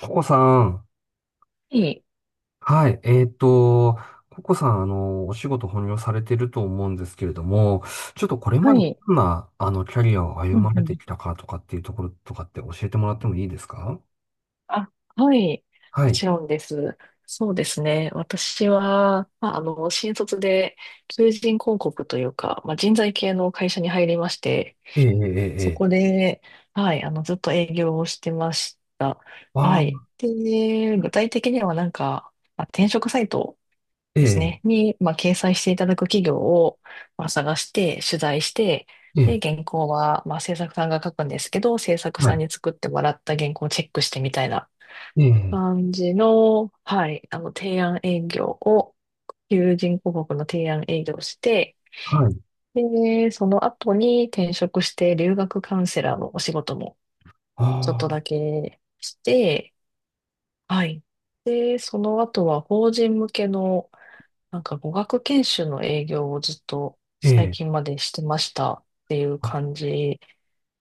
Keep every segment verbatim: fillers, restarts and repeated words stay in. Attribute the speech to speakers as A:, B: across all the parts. A: ココさん。
B: はい。
A: はい。えっと、ココさん、あの、お仕事本業されてると思うんですけれども、ちょっとこれ
B: は
A: まで
B: い。
A: どんな、あの、キャリアを歩
B: うん
A: ま
B: う
A: れて
B: ん。
A: きたかとかっていうところとかって教えてもらってもいいですか？
B: あ、はい。
A: は
B: もち
A: い。
B: ろんです。そうですね。私は、まあ、あの、新卒で求人広告というか、まあ、人材系の会社に入りまして、
A: ええ、ええ、え
B: そこ
A: え。
B: で、はい、あの、ずっと営業をしてました。
A: あ
B: はい。
A: あ、
B: で、具体的にはなんか、まあ、転職サイト
A: え
B: です
A: え、
B: ね。に、まあ、掲載していただく企業を、まあ、探して、取材して、
A: え
B: で、
A: え、
B: 原稿は、まあ、制作さんが書くんですけど、制作
A: は
B: さん
A: い。
B: に作ってもらった原稿をチェックしてみたいな
A: ええ、
B: 感じの、はい、あの、提案営業を、求人広告の提案営業をして、
A: はい。
B: で、その後に転職して留学カウンセラーのお仕事もちょっ
A: あ
B: と
A: あ、
B: だけして、はい。で、その後は法人向けのなんか語学研修の営業をずっと
A: え
B: 最
A: え、
B: 近までしてましたっていう
A: あ、
B: 感じ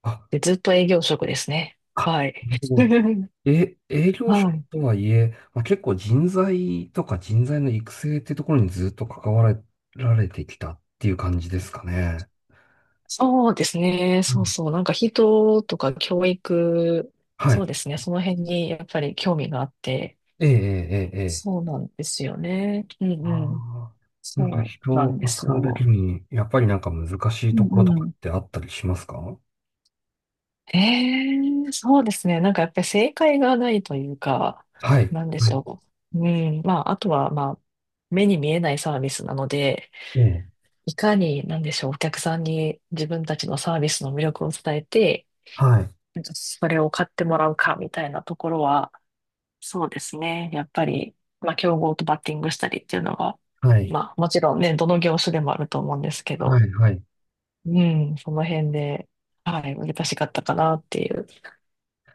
A: あ、
B: で、ずっと営業職ですね。
A: あ、
B: はい。
A: え、営業職
B: はい。
A: とはいえ、まあ、結構人材とか人材の育成ってところにずっと関わられてきたっていう感じですかね？
B: そうですね。
A: う
B: そう
A: ん。
B: そう。なんか人とか教育、
A: は
B: そう
A: い。
B: ですね。その辺にやっぱり興味があって、
A: ええ、ええ、ええ。ええ、
B: そうなんですよね。うんう
A: あ
B: ん。
A: あ、なんか
B: そ
A: 人
B: うな
A: を
B: んです
A: 扱うだけ
B: よ。
A: に、やっぱりなんか難しい
B: う
A: ところ
B: ん
A: と
B: う
A: かっ
B: ん。
A: てあったりしますか？
B: ええ、そうですね。なんかやっぱり正解がないというか、
A: はい。
B: なんで
A: は
B: し
A: い。
B: ょう。うん。まあ、あとは、まあ、目に見えないサービスなので、
A: うん。
B: いかに、なんでしょう、お客さんに自分たちのサービスの魅力を伝えて、
A: はい。
B: なんかそれを買ってもらうかみたいなところは、そうですね。やっぱり、まあ、競合とバッティングしたりっていうのが、
A: はい。
B: まあ、もちろんね、どの業種でもあると思うんですけ
A: は
B: ど、
A: い。はい。
B: うん、その辺で、はい、難しかったかなっていうと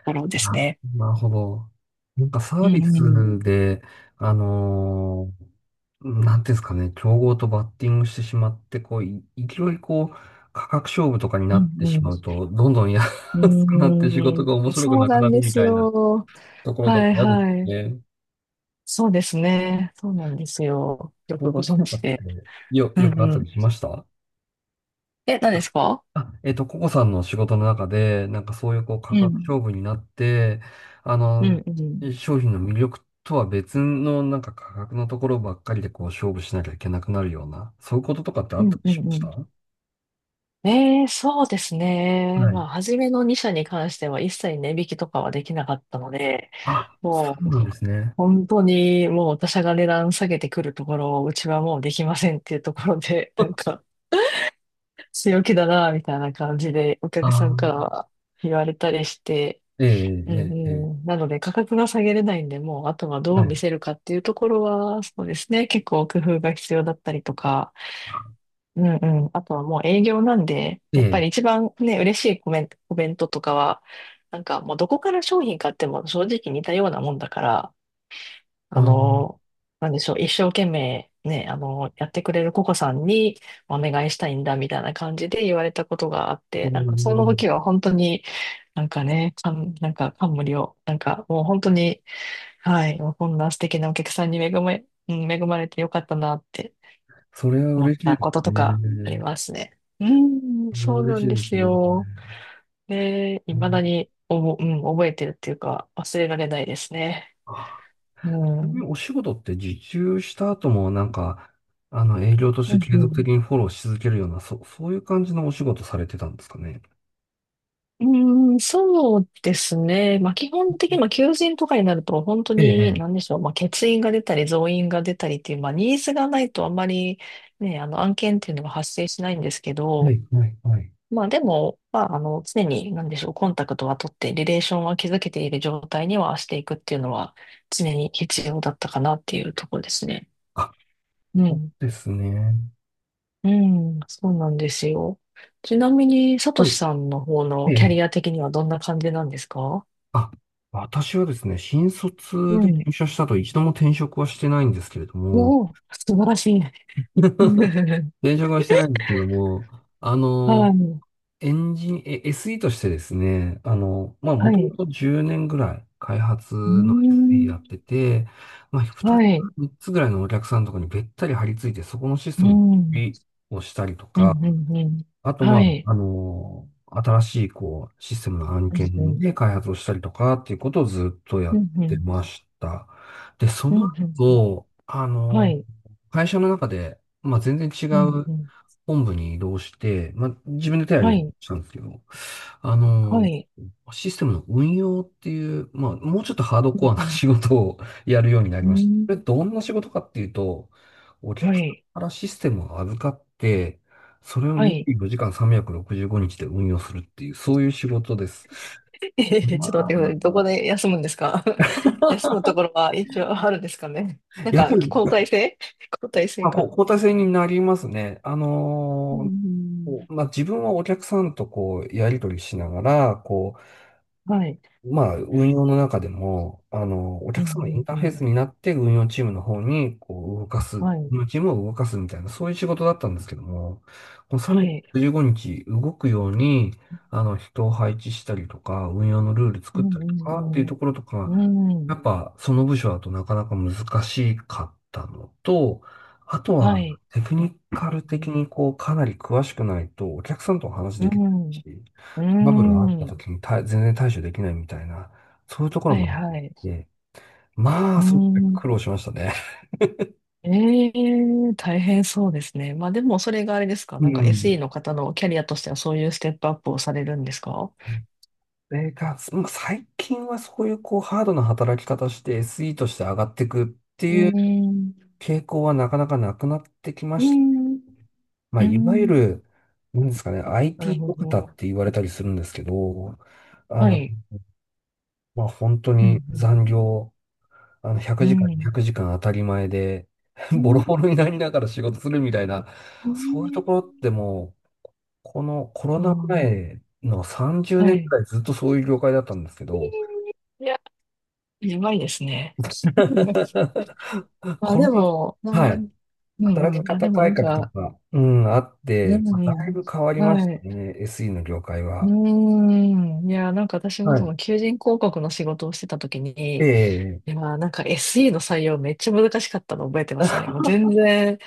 B: ころです
A: な、
B: ね。
A: なるほど。なんかサ
B: う
A: ー
B: ん
A: ビ
B: うんう
A: ス
B: ん
A: で、あのーなんていうんですかね、競合とバッティングしてしまって、こう、い勢いこう、価格勝負とかに
B: う
A: なってし
B: ん。
A: まうと、どんどん 安くなっ
B: う
A: て仕事が面
B: ーん、
A: 白く
B: そう
A: なく
B: な
A: な
B: ん
A: る
B: で
A: み
B: す
A: たいな
B: よ。
A: ところと
B: は
A: か
B: い
A: 嫌です
B: はい。
A: ね。
B: そうですね。そうなんですよ。よ
A: ポ
B: く
A: ンこ
B: ご
A: と
B: 存
A: とか
B: 知
A: って
B: で。
A: よ、
B: う
A: よ
B: ん
A: くあっ
B: う
A: たり
B: ん。
A: しました？
B: え、何
A: あ、
B: ですか？
A: あ、えっと、ココさんの仕事の中で、なんかそういうこう
B: う
A: 価格
B: ん。
A: 勝負になって、あ
B: う
A: の、
B: んうん。
A: 商品の魅力とは別のなんか価格のところばっかりでこう勝負しなきゃいけなくなるような、そういうこととかってあ
B: う
A: った
B: ん
A: り
B: うん
A: しまし
B: う
A: た
B: ん。
A: は、
B: えー、そうですね。まあ、
A: い、
B: 初めのに社に関しては一切値引きとかはできなかったので、
A: あ、そ
B: も
A: う
B: う
A: なんですね。
B: 本当にもう他社が値段下げてくるところをうちはもうできませんっていうところで、なん か強気だな、みたいな感じでお
A: あ
B: 客さんから
A: あ、
B: は言われたりして、
A: ええ、
B: うん
A: ええ、え
B: うん、なので価格が下げれないんで、もうあとは
A: え、
B: どう
A: はい。
B: 見せるかっていうところは、そうですね、結構工夫が必要だったりとか、うんうん、あとはもう営業なんで、
A: え
B: やっぱ
A: え、
B: り一番ね、嬉しいコメント、コメントとかは、なんかもうどこから商品買っても正直似たようなもんだから、
A: あ
B: あ
A: あ、
B: の、なんでしょう、一生懸命ね、あの、やってくれるココさんにお願いしたいんだみたいな感じで言われたことがあって、なんかその
A: う、
B: 時は本当になんかね、感、なんか感無量、なんかもう本当に、はい、もうこんな素敵なお客さんに恵まれ、うん恵まれてよかったなって
A: それは
B: 思
A: 嬉
B: っ
A: しいで
B: たこと
A: す
B: とかあり
A: ね。
B: ますね。うん、
A: それは
B: そうな
A: 嬉しい
B: んで
A: です
B: す
A: ね。
B: よ。で、
A: う
B: 未だ
A: ん、
B: におぼ、うん、覚えてるっていうか忘れられないですね。
A: あ、
B: う
A: ちなみ
B: ん。
A: にお仕事って受注した後もなんか、あの、営業とし
B: う
A: て
B: ん
A: 継
B: う
A: 続
B: ん。
A: 的にフォローし続けるような、そ、そういう感じのお仕事されてたんですかね？
B: うーん、そうですね。まあ、基本的に、まあ、求人とかになると、本当
A: え
B: に、
A: え、
B: なんでしょう、まあ、欠員が出たり、増員が出たりっていう、まあ、ニーズがないとあんまり、ね、あの、案件っていうのが発生しないんですけ
A: え
B: ど、
A: え、はい、はい、はい。
B: まあ、でも、まあ、あの、常に、なんでしょう、コンタクトは取って、リレーションは築けている状態にはしていくっていうのは、常に必要だったかなっていうところですね。
A: あ、
B: うん。
A: ですね。
B: うん、そうなんですよ。ちなみに、さとし
A: は
B: さんの方
A: い。え
B: のキャ
A: え、
B: リア的にはどんな感じなんですか？
A: あ、私はですね、新
B: う
A: 卒で
B: ん。
A: 入社したと一度も転職はしてないんですけれども、
B: おお、素晴らしい。
A: 転職はしてないんですけども、あ
B: は
A: の、
B: い。
A: エンジン、え、エスイー としてですね、あの、まあ、も
B: は
A: とも
B: い。
A: とじゅうねんぐらい開発
B: うー
A: の エスイー やっ
B: ん。
A: てて、まあ、2
B: は
A: つ、
B: い。
A: みっつぐらいのお客さんのところにべったり張り付いて、そこのシス
B: う
A: テムの管
B: ん。うん、
A: 理をしたりと
B: う
A: か、
B: ん、うん。
A: あと、ま
B: は
A: あ、
B: い。
A: あの、新しい、こう、システムの案
B: そうです
A: 件
B: ね。
A: で開発をしたりとかっていうことをずっとや
B: う
A: っ
B: ん、う
A: て
B: ん。
A: ました。で、そ
B: うん、う
A: の
B: ん。うん。
A: 後、あ
B: は
A: の、
B: い、
A: 会社の中で、まあ、全然違
B: うん
A: う
B: うん。
A: 本部に移動して、まあ、自分で手を
B: は
A: 挙げ
B: い。
A: て
B: うん、
A: したんですけど、あ
B: う。
A: の、システムの運用っていう、まあ、もうちょっとハードコアな仕事をやるようになり
B: う
A: ま
B: ん、う
A: した。こ
B: ん。う
A: れどんな仕事かっていうと、お
B: ん。は
A: 客さん
B: い。
A: からシステムを預かって、それを
B: はい。
A: にじゅうよじかんさんびゃくろくじゅうごにちで運用するっていう、そういう仕事です。
B: えへへ、
A: ま
B: ちょっと待ってください。ど
A: あ、
B: こで休むんですか？ 休むとこ ろは一応あるんですかね。なん
A: やっ
B: か、
A: ぱり、
B: 交代制。交代制
A: まあ、こう
B: か。
A: 交代制になりますね。あ
B: うん、う
A: のーこ
B: ん。
A: う、まあ、自分はお客さんとこう、やり取りしながら、こ、
B: はい。
A: まあ、運用の中でも、あの、お
B: う
A: 客様のイン
B: ん、
A: タ
B: う
A: ー
B: ん、
A: フェー
B: う
A: ス
B: ん。
A: になって運用チームの方に、こう、動かす、
B: はい。
A: 運用チームを動かすみたいな、そういう仕事だったんですけども、この
B: はい。
A: さんびゃくろくじゅうごにち動くように、あの、人を配置したりとか、運用のルール
B: う
A: 作っ
B: ん
A: た
B: う
A: りとかっていう
B: ん
A: ところと
B: う
A: か、
B: ん。う
A: や
B: ん。
A: っぱ、その部署だとなかなか難しかったのと、あとは、
B: はい。
A: テクニカル的に、こう、かなり詳しくないと、お客さんとお話
B: う
A: できない
B: ん。
A: し、バブルがあっ
B: う
A: た
B: ん。
A: 時に対全然対処できないみたいな、そういうところ
B: は
A: も
B: い
A: あっ
B: はい。
A: て、ま
B: う
A: あ、すごく
B: ん。
A: 苦労しましたね。
B: ええ、大変そうですね。まあでもそれがあれですか、
A: う
B: なんか エスイー
A: ん。
B: の方のキャリアとしてはそういうステップアップをされるんですか？
A: それが、まあ最近はそういうこうハードな働き方して エスイー として上がっていくって
B: う
A: いう
B: ん。
A: 傾向はなかなかなくなってきま
B: う
A: した。
B: ん。
A: まあ、
B: う
A: いわゆ
B: ん。
A: る、なんですかね、
B: なる
A: アイティー
B: ほ
A: ド方
B: ど。
A: って言われたりするんですけど、あ
B: は
A: の、
B: い。
A: まあ、本当
B: う
A: に
B: ん。
A: 残業、あの、100
B: う
A: 時間、200
B: ん。
A: 時間当たり前で、
B: う
A: ボロ
B: ん。
A: ボロになりながら仕事するみたいな、
B: うん。う
A: そういうところっ
B: ん。
A: てもう、このコロ
B: あ
A: ナ前の30
B: あ、は
A: 年く
B: い。
A: らいずっとそういう業界だったんですけど、
B: いや、やばいですね。まあ
A: こ
B: で
A: ん
B: も、な
A: な、はい、
B: ん、う
A: 働
B: ん
A: き
B: うん。あ、
A: 方
B: でもな
A: 改
B: ん
A: 革と
B: か、
A: か、うん、あっ
B: う
A: て、
B: ん
A: まあだ
B: う
A: い
B: ん。
A: ぶ変わりまし
B: は
A: た
B: い。
A: ね、エスイー の業界
B: う
A: は。
B: ーん。いや、なんか私も
A: は
B: そ
A: い。
B: の求人広告の仕事をしてた時
A: え
B: に、
A: え、
B: いや、なんか エスイー の採用めっちゃ難しかったの覚えてますね。もう 全然、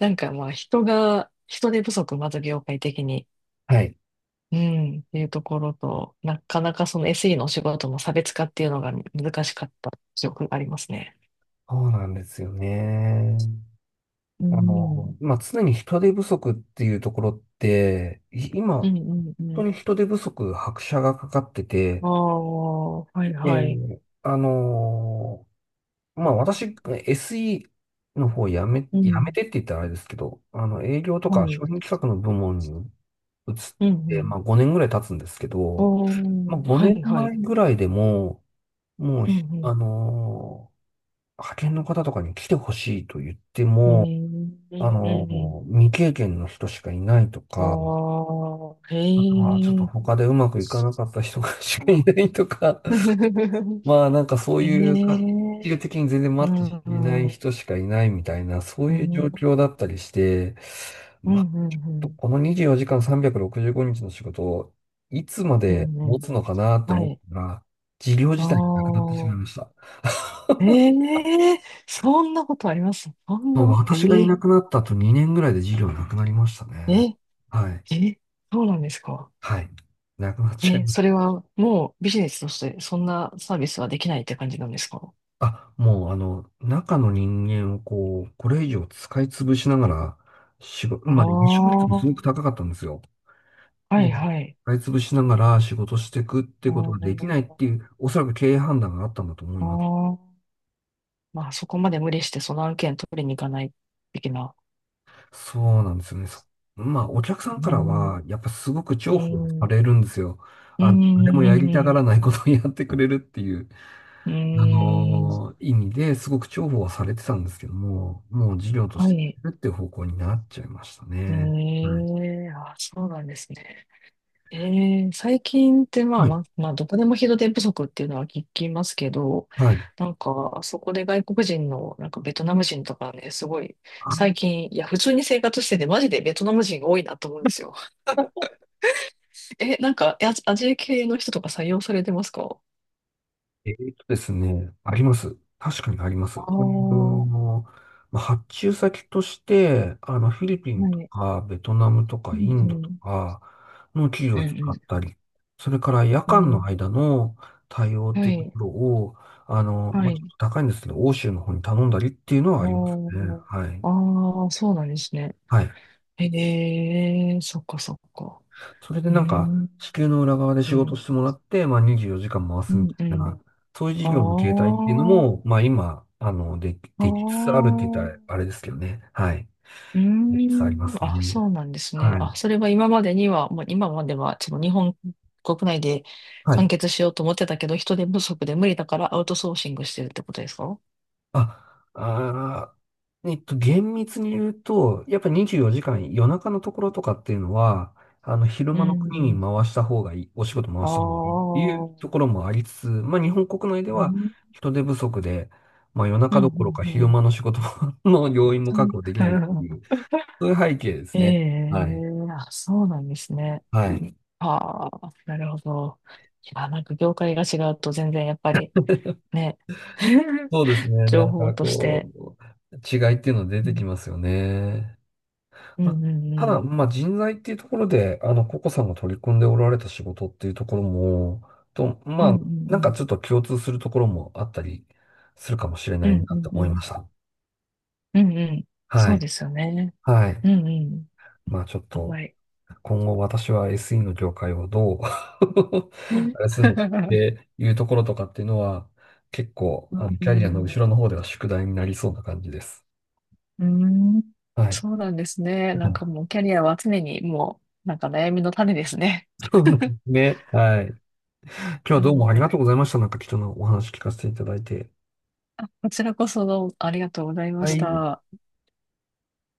B: なんかまあ人が、人手不足、まず業界的に。
A: はい。
B: うん。っていうところと、なかなかその エスイー のお仕事の差別化っていうのが難しかった記憶がありますね。
A: そうなんですよね。
B: う
A: あ
B: ん。
A: の、まあ、常に人手不足っていうところって、い今、
B: う
A: 本
B: んうんう
A: 当に
B: ん。
A: 人手不足、拍車がかかってて、
B: ああ、はいはい。
A: で、あの、まあ、私、エスイー の方やめ、
B: う
A: やめ
B: ん。
A: てって言ったらあれですけど、あの、営業と
B: は
A: か
B: い。
A: 商品企画の部門に移っ
B: うんう
A: て、ま
B: ん。
A: あ、ごねんぐらい経つんですけど、
B: お
A: まあ、
B: ー、は
A: 5
B: いは
A: 年
B: い。
A: 前ぐらいでも、もう
B: うんう
A: ひ、あ
B: ん。
A: のー派遣の方とかに来てほしいと言って
B: うん
A: も、
B: う
A: あ
B: んうんうん。
A: の、未経験の人しかいないと
B: あ
A: か、
B: あ、へ
A: あとはちょっと
B: え。
A: 他でうまくいかなかった人が しかい
B: あ。
A: ないとか、まあなんかそう
B: へ
A: いうか、じ
B: え。
A: 的に全然
B: う
A: 待って
B: ん
A: いない
B: うん。
A: 人しかいないみたいな、そう
B: う
A: いう状
B: ん。
A: 況だったりして、
B: うん
A: まあ、
B: うんうん。
A: このにじゅうよじかんさんびゃくろくじゅうごにちの仕事をいつま
B: う
A: で
B: んう
A: 持
B: ん。
A: つのかなって
B: は
A: 思っ
B: い。
A: たら、事業
B: あ
A: 自体がなくなってし
B: あ。
A: まいました。
B: え、え、そんなことあります？そん
A: もう
B: な、え
A: 私がいな
B: え、
A: くなった後にねんぐらいで事業なくなりましたね。
B: え、
A: はい。
B: え、そうなんですか？
A: はい。なくなっちゃい
B: え、
A: ま
B: そ
A: した。
B: れはもうビジネスとしてそんなサービスはできないって感じなんですか？
A: あ、もうあの、中の人間をこう、これ以上使い潰しながら、仕事、
B: あ
A: まあ、離職率
B: あ、
A: もすご
B: は
A: く高かったんですよ。で、
B: いはい。
A: 使い潰しながら仕事していくって
B: あ
A: ことができないっ
B: ー
A: ていう、おそらく経営判断があったんだと思い
B: あ、
A: ます。
B: ー、まあそこまで無理してその案件取りに行かない的な。
A: そうなんですよね。そ、まあ、お客さん
B: うー
A: からは、
B: ん、
A: やっぱすごく
B: う
A: 重宝
B: ん、
A: さ
B: う
A: れるんですよ。
B: ん、
A: あの、誰もや
B: う
A: りたが
B: ん、
A: らないことをやってくれるっていう。あ
B: う
A: のー
B: ん。
A: 意味ですごく重宝はされてたんですけども、もう事業とし
B: は
A: て
B: い。
A: やるっていう方向になっちゃいました
B: え
A: ね。はい。
B: え、あ、そうなんですね。ええ、最近ってまあ、
A: は
B: ま
A: い。
B: あ、まあ、どこでも人手不足っていうのは聞きますけど、
A: はい。
B: なんか、あそこで外国人の、なんかベトナム人とかね、すごい、
A: あ、
B: 最近、いや、普通に生活してて、マジでベトナム人が多いなと思うんですよ。え、なんか、アジアジア系の人とか採用されてますか？
A: えーとですね、あります。確かにあります。
B: ああ
A: あ
B: ー、
A: のーまあ発注先として、あの、フィリピン
B: は
A: と
B: い。
A: か、ベトナムとか、
B: う
A: イ
B: ん、
A: ン
B: う
A: ドと
B: ん。
A: かの企業
B: う
A: を使っ
B: ん
A: たり、それから夜
B: うん、う
A: 間の間
B: ん。
A: の対応っ
B: は
A: ていうと
B: い、
A: ころを、あの、
B: は
A: まあ、ちょっ
B: い。
A: と高いんですけど、欧州の方に頼んだりっていうの
B: あ
A: はありますね。
B: ー
A: はい。
B: あ、ー、そうなんですね。
A: はい。
B: ええ、そっかそっか。
A: それで
B: う
A: なんか、
B: ん。
A: 地球の裏側で
B: う
A: 仕事
B: ん
A: してもらって、まあにじゅうよじかん回
B: う
A: すみ
B: ん
A: た
B: う
A: い
B: ん。
A: な、そういう事業の形態っ
B: あ
A: ていうのも、まあ今、あの、で、
B: あ、あ
A: できつつある
B: あ、
A: って言ったらあれですけどね。はい。
B: うー
A: できつつありま
B: ん、
A: す
B: あ、
A: ね。
B: そうなんですね。
A: は
B: あ、
A: い。
B: それは今までには、もう今までは、その日本国内で
A: は
B: 完
A: い。
B: 結しようと思ってたけど、人手不足で無理だからアウトソーシングしてるってことですか？
A: あ、あー、えっと、厳密に言うと、やっぱにじゅうよじかん夜中のところとかっていうのは、あの、昼
B: う
A: 間の国に
B: ん、
A: 回した方がいい、お仕事回
B: ああ、
A: した方がいいっていうところもありつつ、まあ日本国内で
B: うん、
A: は
B: うん、
A: 人手不足で、まあ夜
B: う
A: 中
B: ん、
A: どころか
B: う
A: 昼
B: ん。
A: 間の仕事も の要員も確保できないっていう、そういう背景です
B: え
A: ね。はい。
B: え、あ、そうなんですね。
A: はい。
B: ああ、なるほど。いや、なんか業界が違うと全然やっぱりね、
A: そうですね。な
B: 情
A: ん
B: 報
A: か
B: として。
A: こう、違いっていうの出
B: う
A: てき
B: ん、
A: ますよね。
B: う
A: ま、
B: ん、う
A: ただ、
B: ん、
A: まあ、人材っていうところで、あの、ココさんが取り組んでおられた仕事っていうところも、と、
B: う
A: ま
B: ん、う
A: あ、なんか
B: ん、
A: ちょっと共通するところもあったりするかもしれ
B: う
A: ない
B: ん、う
A: な
B: ん、
A: と
B: うん、う
A: 思いま
B: ん、
A: した。
B: うん。うん。
A: は
B: そう
A: い。
B: ですよね。
A: は
B: う
A: い。
B: ん、
A: まあ、ちょっ
B: うん、
A: と、
B: はい。
A: 今後私は エスイー の業界をどう あ
B: ね。
A: れするのかっ ていうところとかっていうのは、結構、
B: う
A: あの、キャリアの
B: ん、
A: 後ろの方では宿題になりそうな感じです。
B: うん、
A: はい。
B: そうなんですね。
A: う
B: なんか
A: ん。
B: もうキャリアは常にもう、なんか悩みの種ですね。
A: ね。はい。今日は
B: は
A: どうもありが
B: い。
A: とうございました。なんか貴重なお話聞かせていただいて。
B: あ、こちらこそどうもありがとうございま
A: は
B: し
A: い。
B: た。